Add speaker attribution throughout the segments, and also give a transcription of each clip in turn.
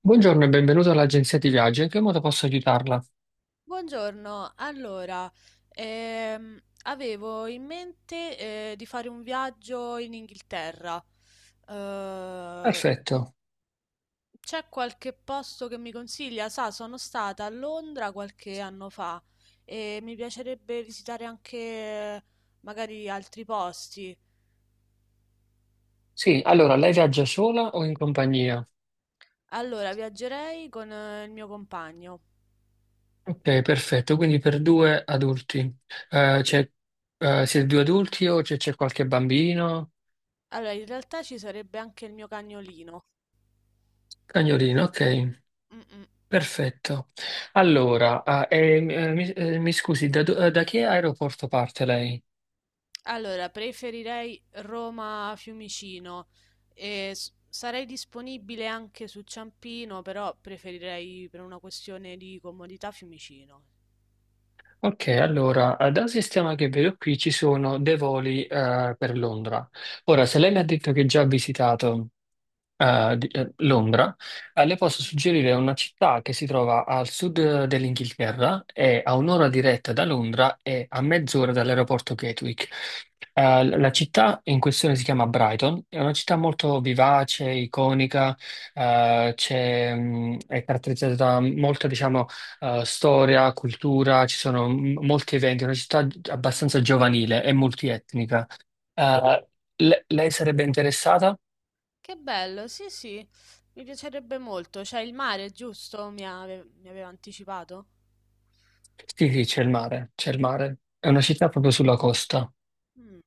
Speaker 1: Buongiorno e benvenuto all'agenzia di viaggio. In che modo posso aiutarla?
Speaker 2: Buongiorno, allora, avevo in mente di fare un viaggio in Inghilterra. Eh,
Speaker 1: Perfetto.
Speaker 2: c'è qualche posto che mi consiglia? Sa, sono stata a Londra qualche anno fa e mi piacerebbe visitare anche magari altri posti.
Speaker 1: Sì, allora lei viaggia sola o in compagnia?
Speaker 2: Allora, viaggerei con il mio compagno.
Speaker 1: Ok, perfetto. Quindi per due adulti. Eh, c'è- Siete due adulti o c'è qualche bambino?
Speaker 2: Allora, in realtà ci sarebbe anche il mio cagnolino.
Speaker 1: Cagnolino, ok.
Speaker 2: Mm, mm.
Speaker 1: Perfetto. Allora, mi scusi, da che aeroporto parte lei?
Speaker 2: Allora, preferirei Roma-Fiumicino. E sarei disponibile anche su Ciampino, però preferirei per una questione di comodità Fiumicino.
Speaker 1: Ok, allora, dal sistema che vedo qui ci sono dei voli per Londra. Ora, se lei mi ha detto che già ha visitato Londra, le posso suggerire una città che si trova al sud dell'Inghilterra, è a un'ora diretta da Londra e a mezz'ora dall'aeroporto Gatwick. La città in questione si chiama Brighton, è una città molto vivace, iconica, è caratterizzata da molta, diciamo, storia, cultura, ci sono molti eventi, è una città
Speaker 2: Mm.
Speaker 1: abbastanza giovanile e multietnica. Eh, Lei sarebbe interessata?
Speaker 2: Che bello, sì, sì, mi piacerebbe molto. C'è il mare, giusto? Mi aveva anticipato?
Speaker 1: Sì, sì, c'è il mare, c'è il mare. È una città proprio sulla costa.
Speaker 2: Mm.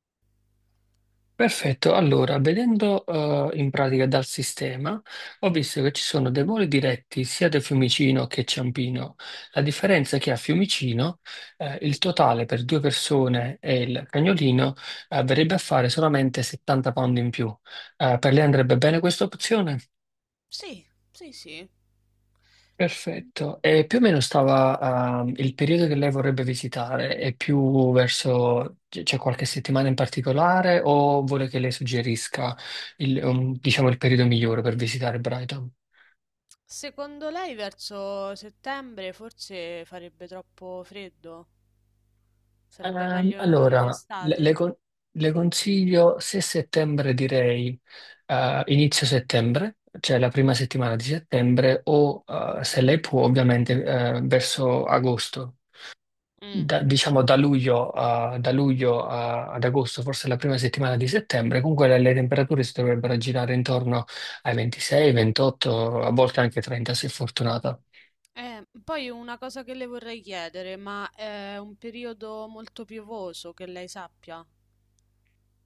Speaker 1: Perfetto, allora, vedendo in pratica dal sistema, ho visto che ci sono dei voli diretti sia da Fiumicino che Ciampino. La differenza è che a Fiumicino il totale per due persone e il cagnolino verrebbe a fare solamente 70 pound in più. Per lei andrebbe bene questa opzione?
Speaker 2: Sì, sì, sì.
Speaker 1: Perfetto. E più o meno stava, il periodo che lei vorrebbe visitare, è più verso, c'è qualche settimana in particolare o vuole che lei suggerisca diciamo, il periodo migliore per visitare Brighton?
Speaker 2: Secondo lei verso settembre forse farebbe troppo freddo? Sarebbe meglio in
Speaker 1: Allora,
Speaker 2: estate?
Speaker 1: le consiglio se settembre direi inizio settembre, cioè la prima settimana di settembre, o se lei può ovviamente verso agosto.
Speaker 2: Mm.
Speaker 1: Diciamo da luglio, ad agosto, forse la prima settimana di settembre, comunque le temperature si dovrebbero girare intorno ai 26, 28, a volte anche 30 se fortunata.
Speaker 2: Poi una cosa che le vorrei chiedere, ma è un periodo molto piovoso che lei sappia.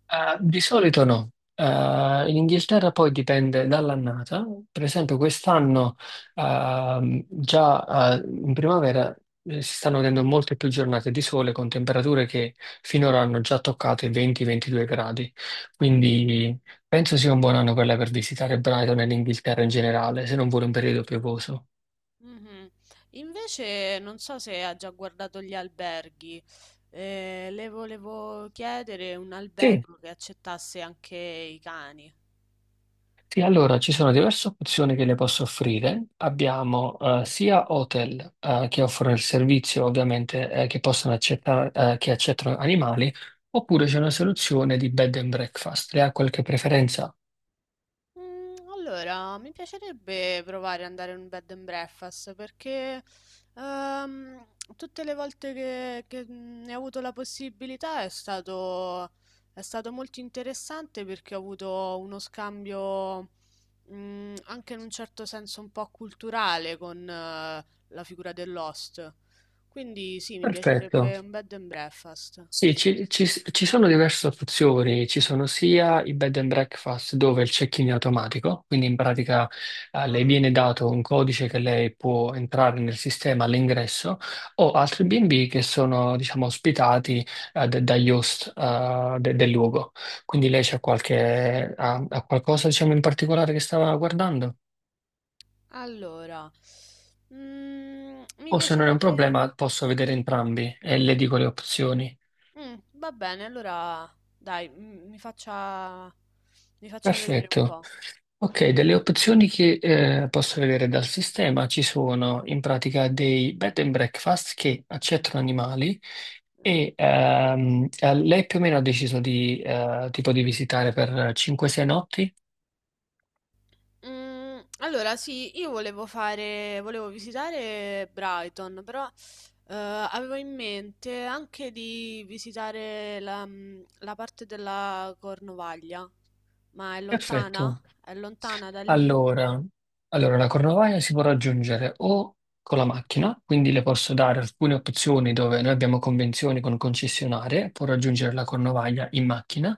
Speaker 1: Di solito no. In Inghilterra poi dipende dall'annata. Per esempio, quest'anno già in primavera si stanno vedendo molte più giornate di sole con temperature che finora hanno già toccato i 20-22 gradi. Quindi penso sia un buon anno per lei per visitare Brighton e l'Inghilterra in generale, se non vuole un periodo piovoso.
Speaker 2: Mhm. Invece non so se ha già guardato gli alberghi. Le volevo chiedere un
Speaker 1: Sì,
Speaker 2: albergo che accettasse anche i cani.
Speaker 1: Sì, allora ci sono diverse opzioni che le posso offrire. Abbiamo sia hotel che offrono il servizio, ovviamente, che possono accettare, che accettano animali, oppure c'è una soluzione di bed and breakfast. Le ha qualche preferenza?
Speaker 2: Mm. Allora, mi piacerebbe provare ad andare in un bed and breakfast perché ehm, tutte le volte che ne ho avuto la possibilità è stato molto interessante perché ho avuto uno scambio mm, anche in un certo senso un po' culturale con la figura dell'host. Quindi sì, mi
Speaker 1: Perfetto.
Speaker 2: piacerebbe un bed and breakfast.
Speaker 1: Sì, ci sono diverse opzioni, ci sono sia i bed and breakfast dove il check-in è automatico, quindi in pratica le
Speaker 2: Ah,
Speaker 1: viene dato un codice che lei può entrare nel sistema all'ingresso, o altri B&B che sono diciamo ospitati dagli host del luogo. Quindi lei c'ha qualche, ha qualcosa diciamo in particolare che stava guardando?
Speaker 2: allora, mm, mi
Speaker 1: O se non è un
Speaker 2: piacerebbe...
Speaker 1: problema posso vedere entrambi e le dico le opzioni.
Speaker 2: Va bene, allora dai, m mi faccia vedere un
Speaker 1: Perfetto.
Speaker 2: po'.
Speaker 1: Ok, delle opzioni che posso vedere dal sistema ci sono in pratica dei bed and breakfast che accettano animali
Speaker 2: Mh-mh.
Speaker 1: e lei più o meno ha deciso tipo di visitare per 5-6 notti?
Speaker 2: Mhmm, allora sì, io volevo fare volevo visitare Brighton, però, avevo in mente anche di visitare la mhmm, la parte della Cornovaglia. Ma è lontana?
Speaker 1: Perfetto.
Speaker 2: È lontana da lì?
Speaker 1: Allora, allora, la Cornovaglia si può raggiungere o con la macchina, quindi le posso dare alcune opzioni dove noi abbiamo convenzioni con concessionarie, può raggiungere la Cornovaglia in macchina,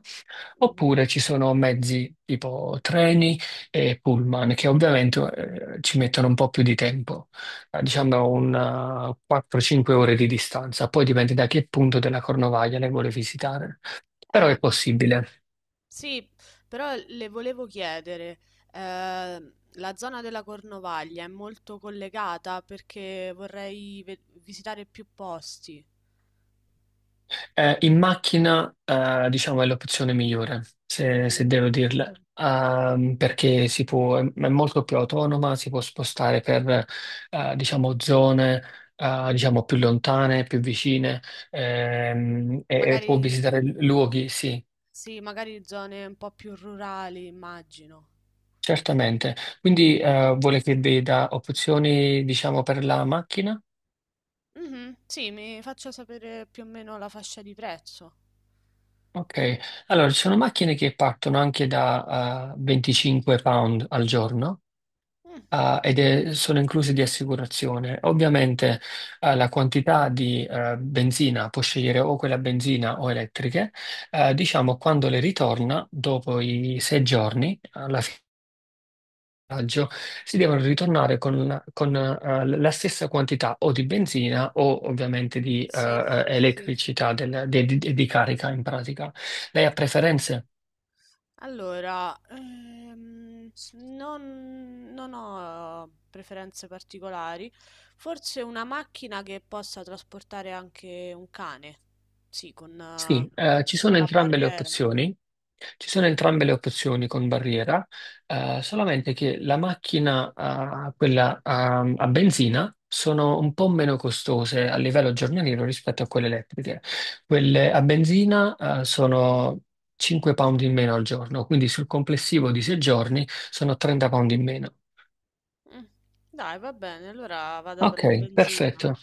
Speaker 2: Mh-mh.
Speaker 1: oppure ci sono mezzi tipo treni e pullman che ovviamente ci mettono un po' più di tempo, diciamo una 4-5 ore di distanza, poi dipende da che punto della Cornovaglia le vuole
Speaker 2: Mh.
Speaker 1: visitare, però
Speaker 2: Eh.
Speaker 1: è possibile.
Speaker 2: Sì, però le volevo chiedere, eh, la zona della Cornovaglia è molto collegata perché vorrei visitare più posti.
Speaker 1: In macchina, diciamo, è l'opzione migliore, se,
Speaker 2: Mm,
Speaker 1: se devo dirla,
Speaker 2: mhm, mm,
Speaker 1: Perché si può, è molto più autonoma, si può spostare per, diciamo, zone, diciamo, più lontane, più
Speaker 2: mm, mm.
Speaker 1: vicine, e può
Speaker 2: Magari,
Speaker 1: visitare luoghi, sì,
Speaker 2: sì, magari zone un po' più rurali, immagino.
Speaker 1: certamente. Quindi, vuole che veda opzioni, diciamo, per la macchina?
Speaker 2: Mhm, sì, mi faccia sapere più o meno la fascia di prezzo.
Speaker 1: Ok, allora ci sono macchine che partono anche da, 25 pound al giorno,
Speaker 2: Mm.
Speaker 1: sono inclusi di assicurazione. Ovviamente, la quantità di benzina può scegliere o quella a benzina o elettriche. Diciamo, quando le ritorna, dopo i 6 giorni, alla fine del viaggio, si devono ritornare con la stessa quantità o di benzina o ovviamente di
Speaker 2: Sì, sì, sì.
Speaker 1: elettricità di carica in pratica. Lei ha preferenze?
Speaker 2: Allora, non ho preferenze particolari, forse una macchina che possa trasportare anche un cane, sì,
Speaker 1: Sì, ci
Speaker 2: con
Speaker 1: sono
Speaker 2: la
Speaker 1: entrambe le
Speaker 2: barriera.
Speaker 1: opzioni. Ci sono entrambe le opzioni con barriera, solamente che la macchina, quella, a benzina, sono un po' meno costose a livello giornaliero rispetto a quelle elettriche. Quelle a benzina, sono 5 pound in meno al giorno, quindi sul complessivo di 6 giorni sono 30 pound in meno.
Speaker 2: Mm. Dai, va bene, allora vado per la
Speaker 1: Ok,
Speaker 2: benzina.
Speaker 1: perfetto.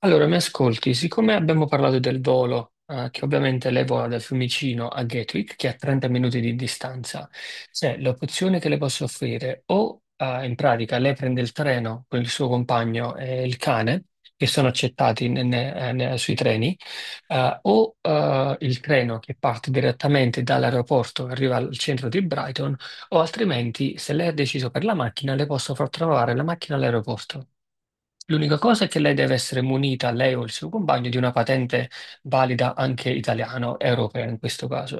Speaker 1: Allora, mi ascolti, siccome abbiamo parlato del volo, che ovviamente leva da Fiumicino a Gatwick, che è a 30 minuti di distanza, c'è l'opzione che le posso offrire o, in pratica, lei prende il treno con il suo compagno e il cane, che sono
Speaker 2: Mm.
Speaker 1: accettati sui treni, o il treno che parte direttamente dall'aeroporto e arriva al centro di Brighton, o altrimenti, se lei ha deciso per la macchina, le posso far trovare la macchina all'aeroporto. L'unica cosa è che lei deve essere munita, lei o il suo compagno, di una patente valida anche italiana, europea in questo caso.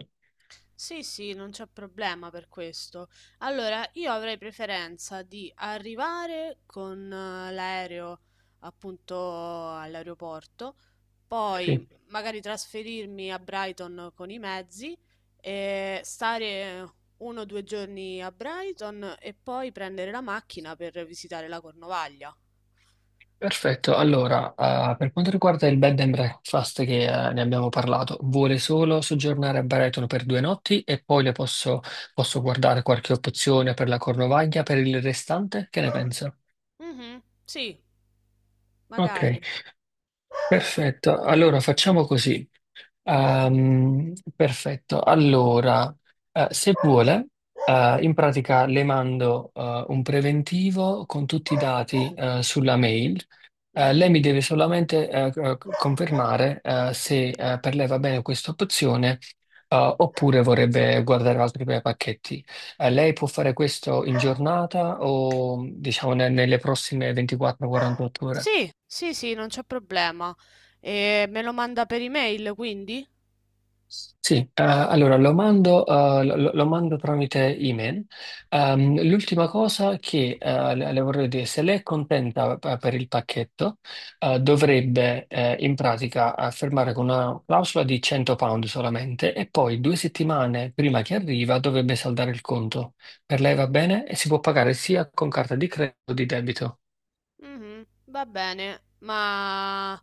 Speaker 2: Sì, sì, non c'è problema per questo. Allora, io avrei preferenza di arrivare con l'aereo appunto all'aeroporto, poi
Speaker 1: Sì.
Speaker 2: magari trasferirmi a Brighton con i mezzi e stare uno o due giorni a Brighton e poi prendere la macchina per visitare la Cornovaglia.
Speaker 1: Perfetto. Allora, per quanto riguarda il bed and breakfast che ne abbiamo parlato, vuole solo soggiornare a Baretono per 2 notti e poi posso guardare qualche opzione per la Cornovaglia per il restante? Che ne pensa?
Speaker 2: Mhm, sì,
Speaker 1: Ok,
Speaker 2: magari.
Speaker 1: perfetto. Allora facciamo così. Perfetto, allora, se vuole, in pratica le mando un preventivo con tutti i dati sulla mail. Lei
Speaker 2: Mhm.
Speaker 1: mi deve solamente confermare se per lei va bene questa opzione oppure vorrebbe guardare altri bei pacchetti. Lei può fare questo in giornata o diciamo nelle prossime 24-48 ore?
Speaker 2: Sì, sì, sì, non c'è problema. E me lo manda per email, quindi?
Speaker 1: Sì, allora lo mando tramite email. L'ultima cosa che le vorrei dire, se lei è contenta per il pacchetto, dovrebbe in pratica firmare con una clausola di 100 pound solamente e poi 2 settimane prima che arriva dovrebbe saldare il conto. Per lei va bene e si può pagare sia con carta di credito che di debito.
Speaker 2: Mh-mh, va bene, ma,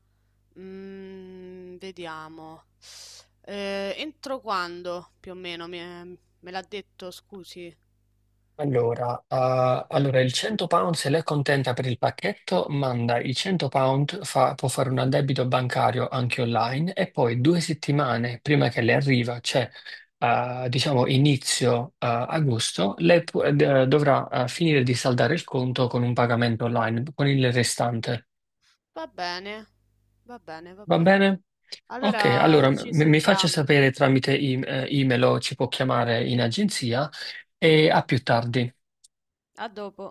Speaker 2: mhmm, vediamo. Entro quando più o meno mi è me l'ha detto, scusi?
Speaker 1: Allora, il 100 pound se lei è contenta per il pacchetto, manda i 100 pound, può fare un addebito bancario anche online e poi 2 settimane prima che le arriva, cioè diciamo inizio agosto, dovrà finire di saldare il conto con un pagamento online, con il restante.
Speaker 2: Va bene, va bene, va
Speaker 1: Va
Speaker 2: bene.
Speaker 1: bene? Ok,
Speaker 2: Allora
Speaker 1: allora
Speaker 2: ci
Speaker 1: mi faccia
Speaker 2: sentiamo.
Speaker 1: sapere tramite email o ci può chiamare in agenzia e a più tardi.
Speaker 2: A dopo.